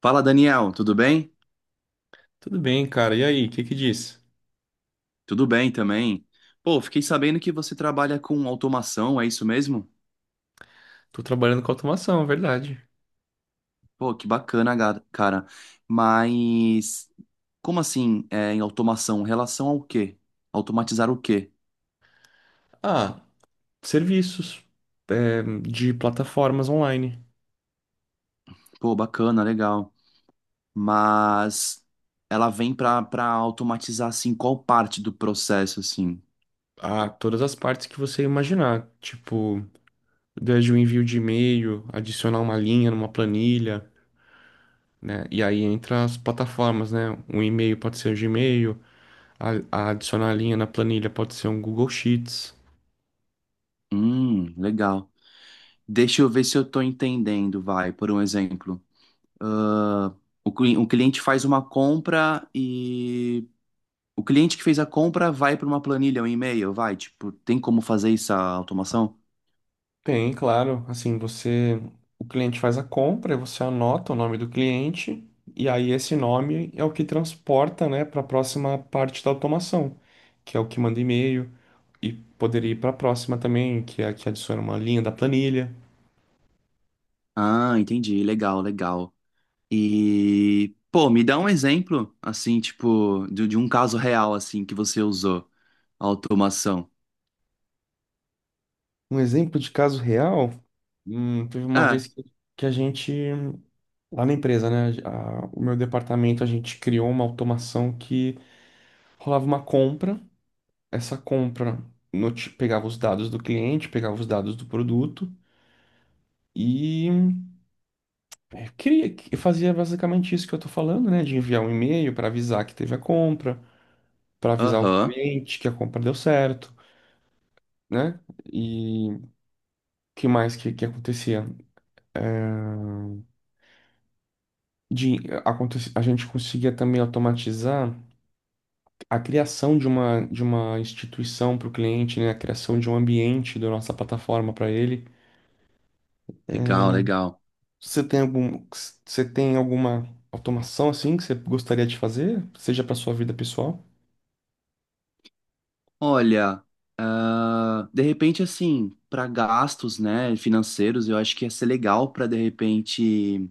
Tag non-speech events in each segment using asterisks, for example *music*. Fala, Daniel, tudo bem? Tudo bem, cara. E aí, o que que diz? Tudo bem também. Pô, fiquei sabendo que você trabalha com automação, é isso mesmo? Tô trabalhando com automação, é verdade. Pô, que bacana, cara. Mas como assim, em automação? Relação ao quê? Automatizar o quê? Ah, Serviços de plataformas online. Pô, bacana, legal. Mas ela vem para automatizar assim qual parte do processo assim. Ah, todas as partes que você imaginar. Tipo, desde o envio de e-mail, adicionar uma linha numa planilha, né? E aí entra as plataformas, né? Um e-mail pode ser o Gmail, a, a adicionar a linha na planilha pode ser um Google Sheets. Legal. Deixa eu ver se eu estou entendendo, vai, por um exemplo. Ah, o cliente faz uma compra e. O cliente que fez a compra vai para uma planilha, um e-mail, vai, tipo, tem como fazer essa automação? Tem, claro. Assim, você, o cliente faz a compra, você anota o nome do cliente, e aí esse nome é o que transporta, né, para a próxima parte da automação, que é o que manda e-mail e poderia ir para a próxima também, que é a que adiciona uma linha da planilha. Ah, entendi, legal, legal. E, pô, me dá um exemplo, assim, tipo, de um caso real, assim, que você usou a automação. Um exemplo de caso real, teve uma vez Ah, que, a gente lá na empresa, né, o meu departamento a gente criou uma automação que rolava uma compra, essa compra pegava os dados do cliente, pegava os dados do produto e fazia basicamente isso que eu estou falando, né? De enviar um e-mail para avisar que teve a compra, para avisar o aham, cliente que a compra deu certo, né? E o que mais que acontecia? É, De, a gente conseguia também automatizar a criação de uma instituição para o cliente, né? A criação de um ambiente da nossa plataforma para ele. É, legal, legal. você tem algum, você tem alguma automação assim que você gostaria de fazer, seja para sua vida pessoal? Olha, ah, de repente, assim, para gastos, né, financeiros, eu acho que ia ser legal para, de repente,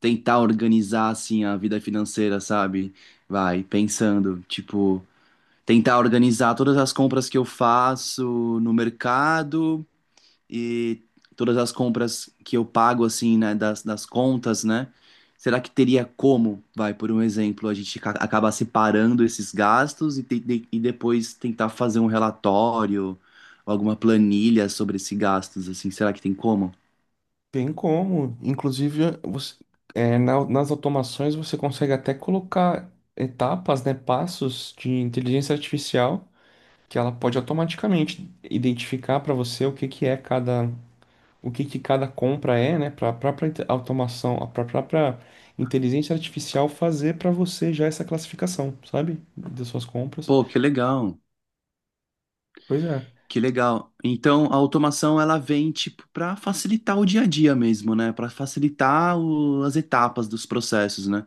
tentar organizar, assim, a vida financeira, sabe? Vai, pensando, tipo. Tentar organizar todas as compras que eu faço no mercado e todas as compras que eu pago, assim, né, das contas, né? Será que teria como, vai, por um exemplo, a gente acabar separando esses gastos e e depois tentar fazer um relatório ou alguma planilha sobre esses gastos, assim, será que tem como? Tem como. Inclusive, você, nas automações você consegue até colocar etapas, né, passos de inteligência artificial que ela pode automaticamente identificar para você o que que é cada, o que que cada compra é, né, para a própria automação, a própria inteligência artificial fazer para você já essa classificação, sabe, das suas compras. Pô, que legal. Pois é. Que legal. Então, a automação ela vem tipo para facilitar o dia a dia mesmo, né? Para facilitar as etapas dos processos, né?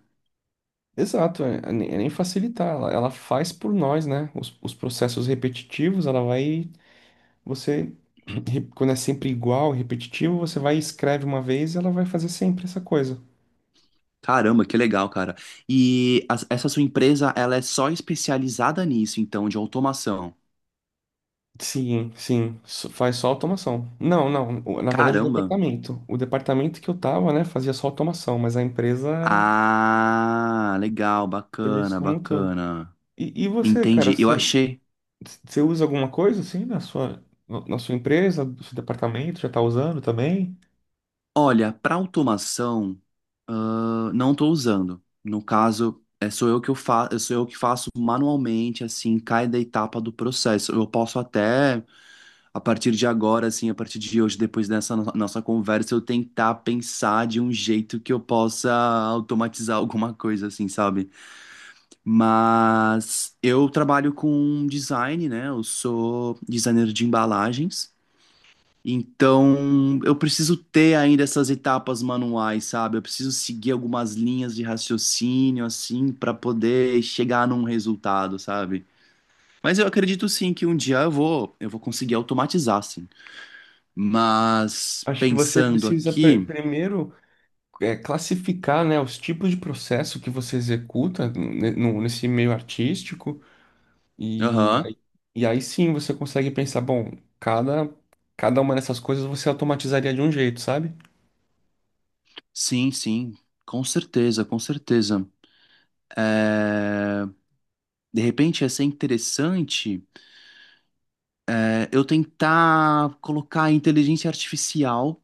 Exato, nem facilitar, ela faz por nós, né? Os processos repetitivos, ela vai, você, *clears throat* quando é sempre igual, repetitivo, você vai e escreve uma vez e ela vai fazer sempre essa coisa. Caramba, que legal, cara. E essa sua empresa, ela é só especializada nisso, então, de automação. Sim, sim, faz só automação. Não, não, o- Na verdade o Caramba. departamento, o departamento que eu tava, né, fazia só automação, mas a empresa era Ah, legal, serviço bacana, como um todo. bacana. E você, cara, Entendi. Eu você, achei. você usa alguma coisa assim na sua, na sua empresa, no seu departamento, já tá usando também? Olha, para automação não estou usando. No caso, é, sou eu que faço manualmente, assim, cada etapa do processo. Eu posso até, a partir de agora, assim, a partir de hoje, depois dessa nossa conversa, eu tentar pensar de um jeito que eu possa automatizar alguma coisa, assim, sabe? Mas eu trabalho com design, né? Eu sou designer de embalagens. Então, eu preciso ter ainda essas etapas manuais, sabe? Eu preciso seguir algumas linhas de raciocínio, assim, para poder chegar num resultado, sabe? Mas eu acredito sim que um dia eu vou conseguir automatizar, sim. Mas Acho que você pensando precisa aqui, primeiro classificar, né, os tipos de processo que você executa nesse meio artístico e aham, aí, e aí sim você consegue pensar, bom, cada, cada uma dessas coisas você automatizaria de um jeito, sabe? sim, sim, com certeza, com certeza. É, de repente ia ser interessante eu tentar colocar a inteligência artificial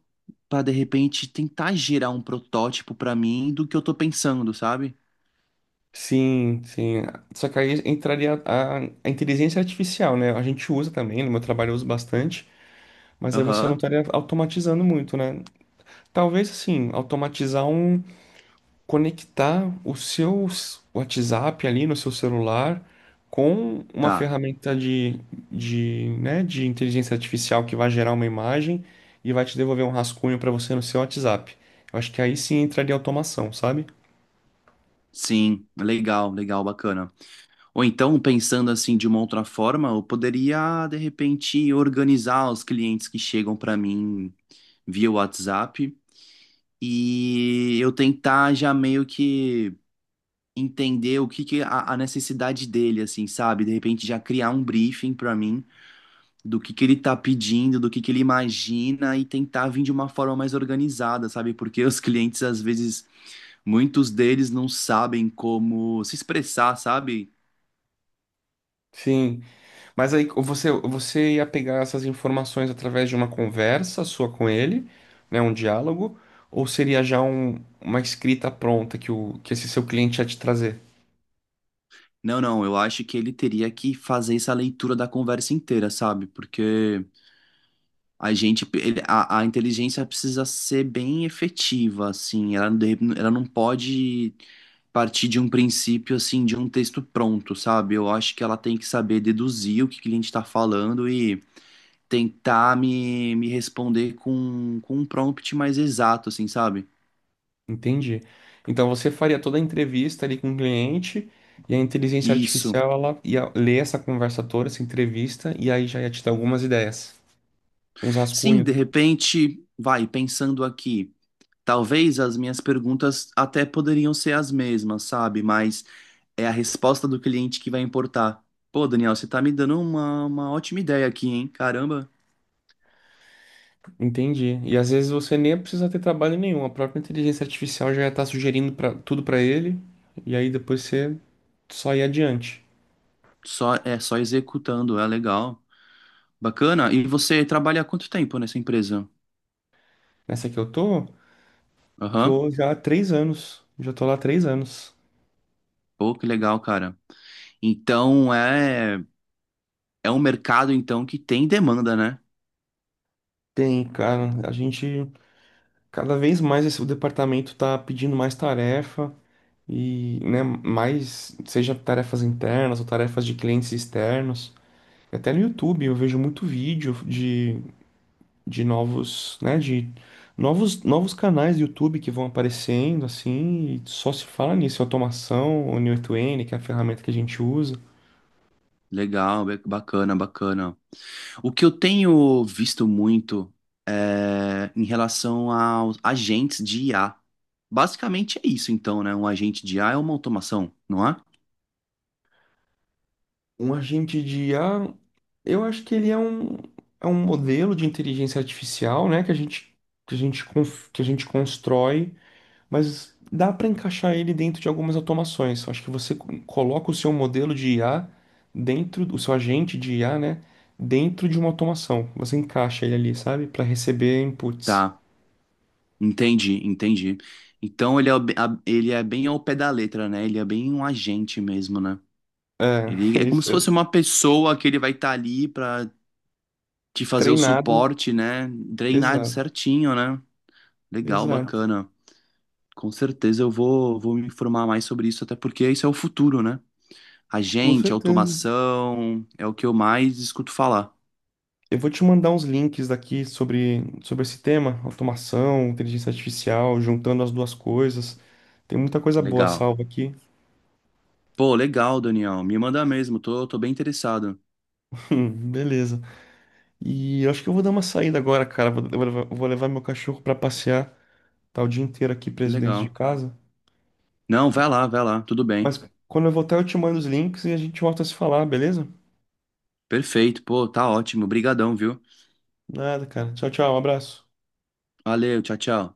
para de repente tentar gerar um protótipo para mim do que eu tô pensando, sabe? Sim, sim. Só que aí entraria a inteligência artificial, né? A gente usa também, no meu trabalho eu uso bastante, mas aí você não Aham, estaria automatizando muito, né? Talvez, assim, automatizar um, conectar o seu WhatsApp ali no seu celular com uma tá. ferramenta de, né, de inteligência artificial que vai gerar uma imagem e vai te devolver um rascunho para você no seu WhatsApp. Eu acho que aí sim entraria automação, sabe? Sim, legal, legal, bacana. Ou então, pensando assim de uma outra forma, eu poderia de repente organizar os clientes que chegam para mim via WhatsApp e eu tentar já meio que entender o que que a necessidade dele, assim, sabe? De repente já criar um briefing para mim do que ele tá pedindo, do que ele imagina e tentar vir de uma forma mais organizada, sabe? Porque os clientes, às vezes, muitos deles não sabem como se expressar, sabe? Sim, mas aí você, você ia pegar essas informações através de uma conversa sua com ele, né, um diálogo, ou seria já uma escrita pronta que, o, que esse seu cliente ia te trazer? Não, não, eu acho que ele teria que fazer essa leitura da conversa inteira, sabe? Porque a gente, ele- a inteligência precisa ser bem efetiva, assim, ela, ela não pode partir de um princípio, assim, de um texto pronto, sabe? Eu acho que ela tem que saber deduzir o que o cliente está falando tentar me responder com um prompt mais exato, assim, sabe? Entendi. Então você faria toda a entrevista ali com o cliente e a inteligência Isso. artificial, ela ia ler essa conversa toda, essa entrevista, e aí já ia te dar algumas ideias, uns Sim, rascunhos. de repente, vai, pensando aqui. Talvez as minhas perguntas até poderiam ser as mesmas, sabe? Mas é a resposta do cliente que vai importar. Pô, Daniel, você tá me dando uma ótima ideia aqui, hein? Caramba, Entendi. E às vezes você nem precisa ter trabalho nenhum, a própria inteligência artificial já ia estar sugerindo pra, tudo para ele, e aí depois você só ir adiante. só é só executando, é legal. Bacana. E você trabalha há quanto tempo nessa empresa? Nessa que eu tô, Aham. tô já há 3 anos. Já tô lá há 3 anos. Pô, que legal, cara. Então, é. É um mercado, então, que tem demanda, né? Tem, cara, a gente cada vez mais esse, o departamento tá pedindo mais tarefa. E, né, mais, seja tarefas internas ou tarefas de clientes externos. Até no YouTube eu vejo muito vídeo de novos, né, de novos canais do YouTube que vão aparecendo assim, e só se fala nisso, automação, o Neo2n, que é a ferramenta que a gente usa. Legal, bacana, bacana. O que eu tenho visto muito é em relação aos agentes de IA. Basicamente é isso, então, né? Um agente de IA é uma automação, não é? Um agente de IA, eu acho que ele é um modelo de inteligência artificial, né, que a gente, que a gente constrói. Mas dá para encaixar ele dentro de algumas automações. Eu acho que você coloca o seu modelo de IA dentro, o seu agente de IA, né, dentro de uma automação. Você encaixa ele ali, sabe, para receber inputs. Tá, entendi, entendi. Então ele é, ele é bem ao pé da letra, né? Ele é bem um agente mesmo, né? É, *laughs* Ele é como se isso, é fosse uma pessoa que ele vai estar ali pra te fazer o treinado. suporte, né? Treinado Exato, certinho, né? Legal, exato. bacana. Com certeza vou me informar mais sobre isso, até porque isso é o futuro, né? A Com gente, certeza. automação, é o que eu mais escuto falar. Eu vou te mandar uns links daqui sobre, sobre esse tema, automação, inteligência artificial, juntando as duas coisas. Tem muita coisa boa Legal. salva aqui. Pô, legal, Daniel. Me manda mesmo, tô bem interessado. *laughs* Beleza. E eu acho que eu vou dar uma saída agora, cara. Vou, eu vou levar, eu vou levar meu cachorro pra passear. Tá o dia inteiro aqui preso dentro de Legal. casa. Não, vai lá, tudo bem. Mas quando eu voltar, eu te mando os links e a gente volta a se falar, beleza? Perfeito, pô, tá ótimo. Obrigadão, viu? Nada, cara. Tchau, tchau. Um abraço. Valeu, tchau, tchau.